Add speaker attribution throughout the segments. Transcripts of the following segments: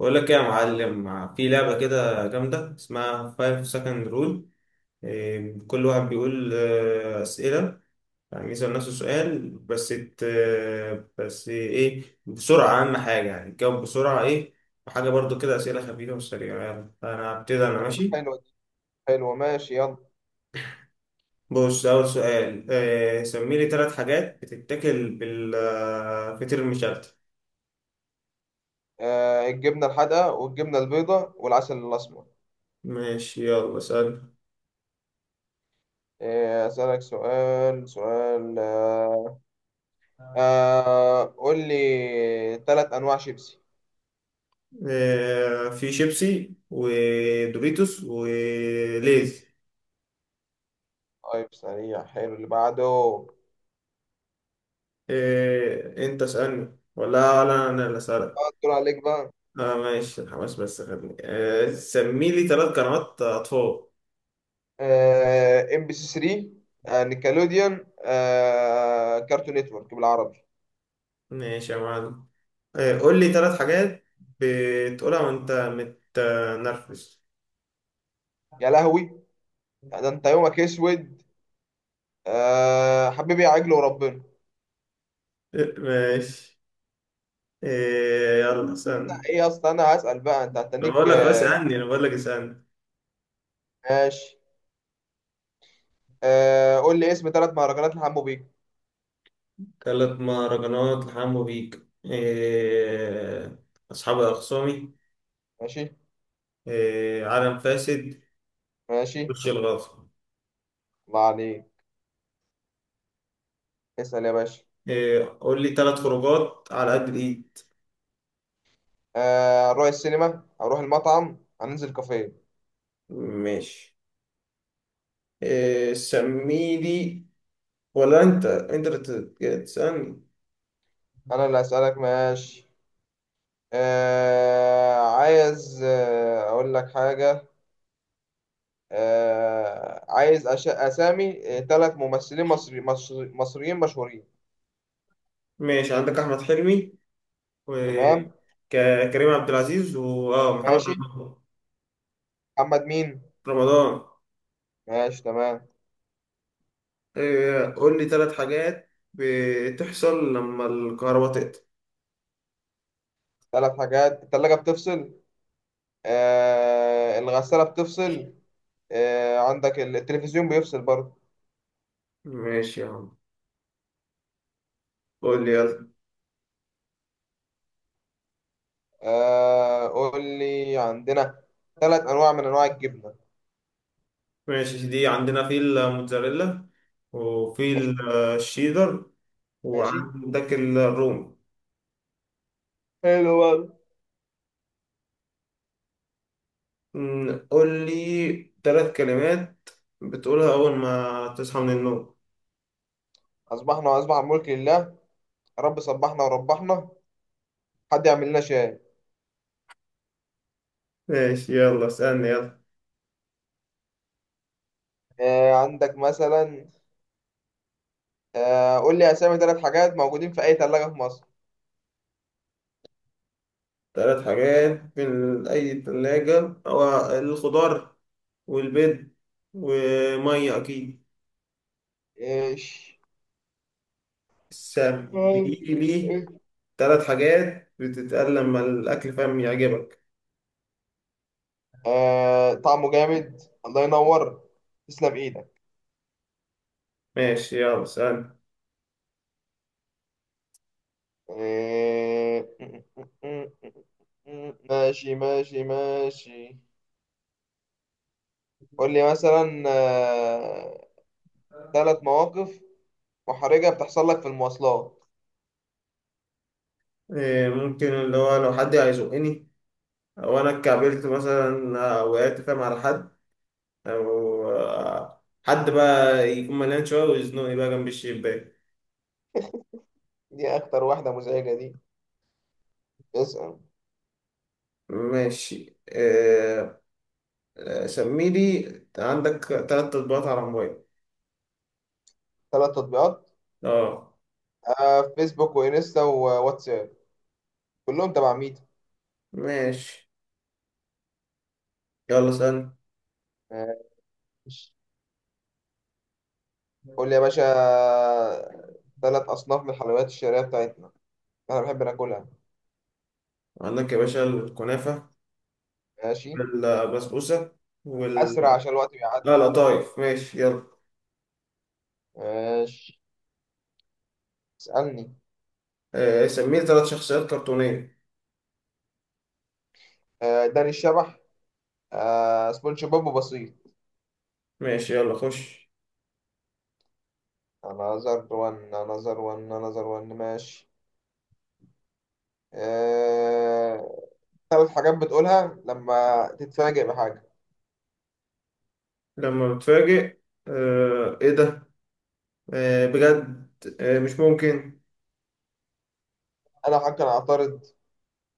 Speaker 1: بقول لك ايه يا معلم، في لعبة كده جامدة اسمها 5 second rule. إيه، كل واحد بيقول أسئلة. يعني يسأل نفسه سؤال، بس بس إيه، بسرعة أهم حاجة، يعني تجاوب بسرعة إيه. وحاجة برضو كده أسئلة خفيفة وسريعة. يلا أنا هبتدي، أنا ماشي.
Speaker 2: حلوة دي. حلوة، ماشي، يلا.
Speaker 1: بص، أول سؤال إيه؟ سمي لي ثلاث حاجات بتتاكل بالفطير المشلتت.
Speaker 2: الجبنة الحادقة والجبنة البيضاء والعسل الأسمر.
Speaker 1: ماشي، يلا اسأل.
Speaker 2: أسألك سؤال. قول لي تلات أنواع شيبسي.
Speaker 1: في شيبسي ودوريتوس وليز.
Speaker 2: طيب، سريع، حلو، اللي بعده.
Speaker 1: انت اسألني ولا؟ لا، انا اللي اسألك.
Speaker 2: دور عليك بقى.
Speaker 1: اه ماشي الحماس، بس خدني. سمي لي ثلاث قنوات اطفال.
Speaker 2: ام بي سي 3، نيكلوديان، كارتون نتورك بالعربي.
Speaker 1: ماشي يا معلم. قول لي ثلاث حاجات بتقولها وانت متنرفز.
Speaker 2: يا لهوي، ده انت يومك اسود. حبيبي يا عجل وربنا.
Speaker 1: ماشي. يلا اسألني.
Speaker 2: ايه اصلا انا هسأل بقى انت هتنيك.
Speaker 1: بقول لك اسألني، انا بقول لك اسألني.
Speaker 2: ماشي، قول لي اسم ثلاث مهرجانات لحمو بيكا.
Speaker 1: ثلاث مهرجانات لحمو بيك. أصحاب الأخصامي.
Speaker 2: ماشي
Speaker 1: إيه، علم فاسد.
Speaker 2: ماشي.
Speaker 1: وش الغاصب.
Speaker 2: الله عليك، اسأل يا باشا.
Speaker 1: إيه، قول لي ثلاث خروجات على قد الايد.
Speaker 2: هنروح السينما، هنروح المطعم، هننزل كافيه.
Speaker 1: ماشي. إيه، سمي لي، ولا انت اللي تسألني؟
Speaker 2: انا اللي هسألك. ماشي، عايز اقول لك حاجة. عايز اسامي ثلاث ممثلين مصريين مشهورين.
Speaker 1: ماشي، عندك احمد حلمي
Speaker 2: تمام،
Speaker 1: وكريم عبد العزيز واه محمد
Speaker 2: ماشي.
Speaker 1: رمضان.
Speaker 2: محمد مين؟
Speaker 1: رمضان.
Speaker 2: ماشي، تمام.
Speaker 1: إيه، قول لي ثلاث حاجات بتحصل لما الكهرباء تقطع.
Speaker 2: ثلاث حاجات، الثلاجة بتفصل، الغسالة بتفصل، عندك التلفزيون بيفصل برضه.
Speaker 1: ماشي يا عم، قول لي يلا.
Speaker 2: قول لي، عندنا ثلاث انواع من انواع الجبنه.
Speaker 1: ماشي، دي عندنا في الموتزاريلا، وفي
Speaker 2: ماشي.
Speaker 1: الشيدر،
Speaker 2: ماشي.
Speaker 1: وعندك الروم.
Speaker 2: حلو برضه.
Speaker 1: قول لي ثلاث كلمات بتقولها أول ما تصحى من النوم.
Speaker 2: اصبحنا واصبح الملك لله. رب صبحنا وربحنا. حد يعمل لنا شاي.
Speaker 1: ماشي، يلا اسألني يلا.
Speaker 2: آه، عندك مثلا آه، قول لي اسامي ثلاث حاجات موجودين في اي ثلاجه في مصر.
Speaker 1: ثلاث حاجات في أي ثلاجة، هو الخضار والبيض ومية أكيد.
Speaker 2: ايش؟
Speaker 1: سبيلي ثلاث حاجات بتتقال لما الأكل فاهم يعجبك.
Speaker 2: طعمه جامد، الله ينور، تسلم ايدك
Speaker 1: ماشي، يلا اسألني.
Speaker 2: آه، ماشي ماشي ماشي. قول لي مثلا، ثلاث مواقف محرجة بتحصل لك في المواصلات.
Speaker 1: إيه، ممكن اللي هو لو حد هيزقني، أو أنا اتكعبلت مثلا وقعت فاهم على حد، او حد بقى يكون مليان شويه ويزنقني بقى جنب الشباك.
Speaker 2: دي أكتر واحدة مزعجة دي. اسأل.
Speaker 1: ماشي. سمي لي، عندك تلات تطبيقات على الموبايل.
Speaker 2: ثلاث تطبيقات،
Speaker 1: اه.
Speaker 2: فيسبوك وإنستا وواتساب، كلهم تبع ميتا.
Speaker 1: ماشي يلا اسأل.
Speaker 2: ماشي. قول لي يا باشا، ثلاث أصناف من الحلويات الشهرية بتاعتنا، أنا بحب ناكلها.
Speaker 1: عندك يا باشا الكنافة،
Speaker 2: ماشي.
Speaker 1: البسبوسة، وال.
Speaker 2: أسرع عشان الوقت
Speaker 1: لا
Speaker 2: بيعدي.
Speaker 1: لا، طايف، ماشي يلا.
Speaker 2: ماشي، اسألني.
Speaker 1: سمي لي تلات شخصيات كرتونية.
Speaker 2: داني الشبح، سبونج بوب وبسيط.
Speaker 1: ماشي يلا خش.
Speaker 2: أنا نظر وان أنا نظر وان أنا نظر وان. ماشي. آه، ثلاث حاجات بتقولها لما تتفاجئ بحاجة.
Speaker 1: لما بتفاجئ: ايه ده، بجد، مش ممكن.
Speaker 2: أنا حاجة أنا أعترض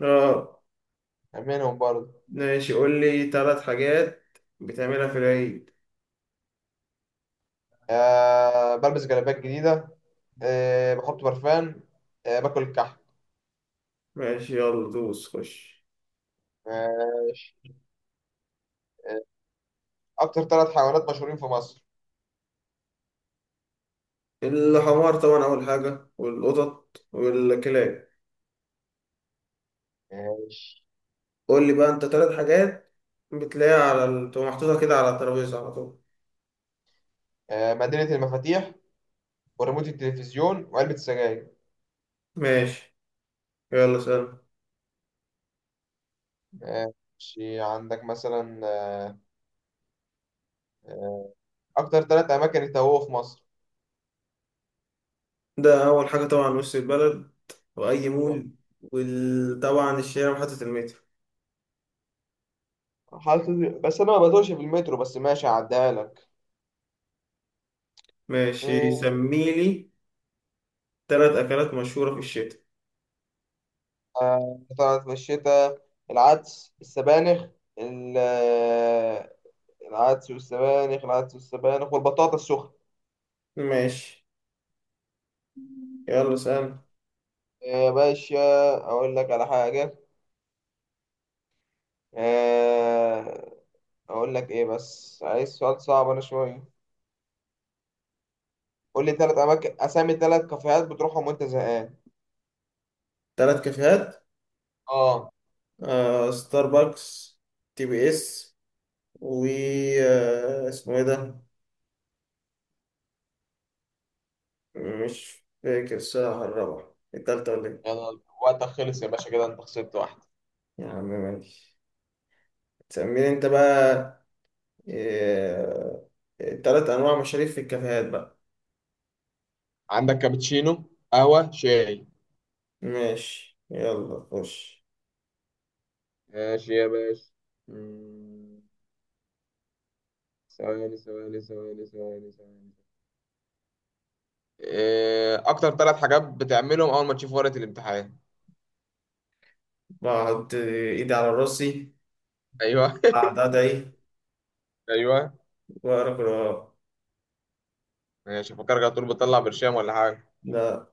Speaker 1: اه
Speaker 2: منهم برضه.
Speaker 1: ماشي، قول لي ثلاث حاجات بتعملها في العيد.
Speaker 2: أه بلبس جلابيات جديدة. أه بحط برفان. أه باكل كحك.
Speaker 1: ماشي يلا دوس خش.
Speaker 2: ماشي. أه أكتر ثلاث حيوانات مشهورين في مصر.
Speaker 1: الحمار طبعا أول حاجة، والقطط والكلاب.
Speaker 2: ماشي.
Speaker 1: قول لي بقى أنت ثلاث حاجات بتلاقيها على تبقى محطوطة كده على الترابيزة على طول.
Speaker 2: أه مدينة المفاتيح وريموت التلفزيون وعلبة السجاير.
Speaker 1: ماشي، يلا سلام.
Speaker 2: ماشي، عندك مثلا، آه، أكتر ثلاث أماكن التهوه في مصر.
Speaker 1: ده أول حاجة طبعا وسط البلد، وأي مول، وطبعا الشارع وحتة المترو.
Speaker 2: حالة، بس أنا ما بتوهش في المترو، بس ماشي، هعديها لك.
Speaker 1: ماشي،
Speaker 2: آه،
Speaker 1: سميلي ثلاث أكلات مشهورة في الشتاء.
Speaker 2: طلعت في الشتاء، العدس السبانخ ال- آه، العدس والسبانخ والبطاطا السخنة.
Speaker 1: ماشي، يلا سلام.
Speaker 2: يا باشا، أقول لك على حاجة. آه، أقول لك إيه، بس عايز سؤال صعب أنا شوية. قول لي تلات أماكن، أسامي تلات كافيهات بتروحهم وأنت زهقان.
Speaker 1: ثلاث كافيهات:
Speaker 2: اه.
Speaker 1: ستاربكس، تي بي اس، و اسمه ايه ده، مش فاكر الصراحة، الرابعة التالتة ولا ايه.
Speaker 2: يلا وقتك خلص يا باشا، كده انت خسرت واحدة.
Speaker 1: يا عم ماشي، تسميني انت بقى. آه، تلات أنواع مشاريف في الكافيهات بقى.
Speaker 2: عندك كابتشينو، قهوة، شاي.
Speaker 1: ماشي يلا خش.
Speaker 2: ماشي يا باشا. مم، ثواني ثواني ثواني ثواني ثواني. إيه، اكتر ثلاث حاجات بتعملهم اول ما تشوف ورقه الامتحان.
Speaker 1: بحط إيدي على راسي،
Speaker 2: ايوه.
Speaker 1: أقعد أدعي،
Speaker 2: ايوه.
Speaker 1: وأقرأ قرآن.
Speaker 2: ماشي، فكرك على طول بتطلع برشام ولا حاجه.
Speaker 1: لا.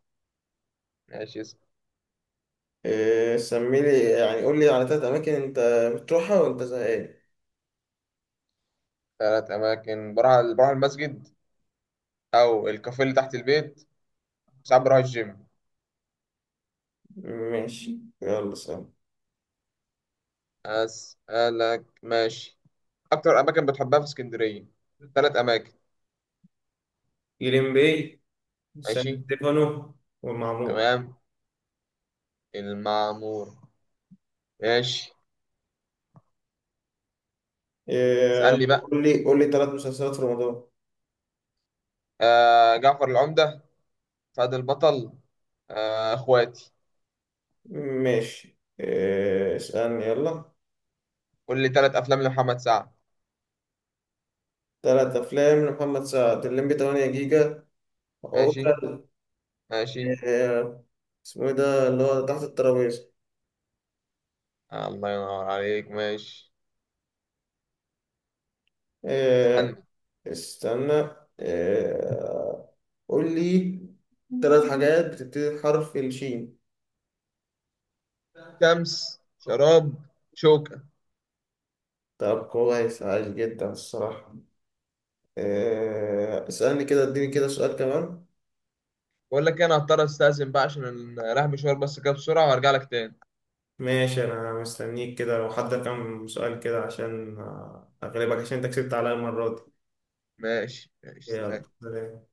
Speaker 2: ماشي. اسم
Speaker 1: إيه، سميلي يعني، قولي على تلات أماكن أنت بتروحها وأنت زهقان.
Speaker 2: ثلاث اماكن، بروح المسجد، او الكافيه اللي تحت البيت، ساعات بروح الجيم.
Speaker 1: ماشي، يلا سلام.
Speaker 2: اسالك ماشي. اكتر اماكن بتحبها في اسكندريه، ثلاث اماكن.
Speaker 1: جليم باي،
Speaker 2: ماشي
Speaker 1: سان ستيفانو، والمعمورة.
Speaker 2: تمام. المعمور. ماشي.
Speaker 1: إيه،
Speaker 2: اسالني بقى.
Speaker 1: قول لي ثلاث مسلسلات في رمضان.
Speaker 2: جعفر العمده، فهد البطل، اخواتي.
Speaker 1: ماشي. إيه، اسألني يلا.
Speaker 2: قول لي ثلاث افلام لمحمد سعد.
Speaker 1: ثلاث أفلام لمحمد سعد: الليمبي 8 جيجا،
Speaker 2: ماشي
Speaker 1: عوكل.
Speaker 2: ماشي.
Speaker 1: إيه، اسمه إيه ده اللي هو تحت الترابيزة.
Speaker 2: الله ينور عليك، ماشي.
Speaker 1: إيه،
Speaker 2: اسألني.
Speaker 1: استنى. إيه، قول لي ثلاث حاجات بتبتدي بحرف الشين.
Speaker 2: شمس، شراب، شوكة.
Speaker 1: طب كويس، عايش جدا الصراحة. إيه، اسألني كده، اديني كده سؤال كمان.
Speaker 2: بقول لك إيه، انا هضطر استأذن بقى عشان رايح مشوار، بس كده بسرعة وارجع لك تاني.
Speaker 1: ماشي، انا مستنيك كده، لو حد كام سؤال كده عشان اغلبك، عشان انت كسبت عليا المرة دي.
Speaker 2: ماشي ماشي
Speaker 1: يلا
Speaker 2: سلام.
Speaker 1: سلام.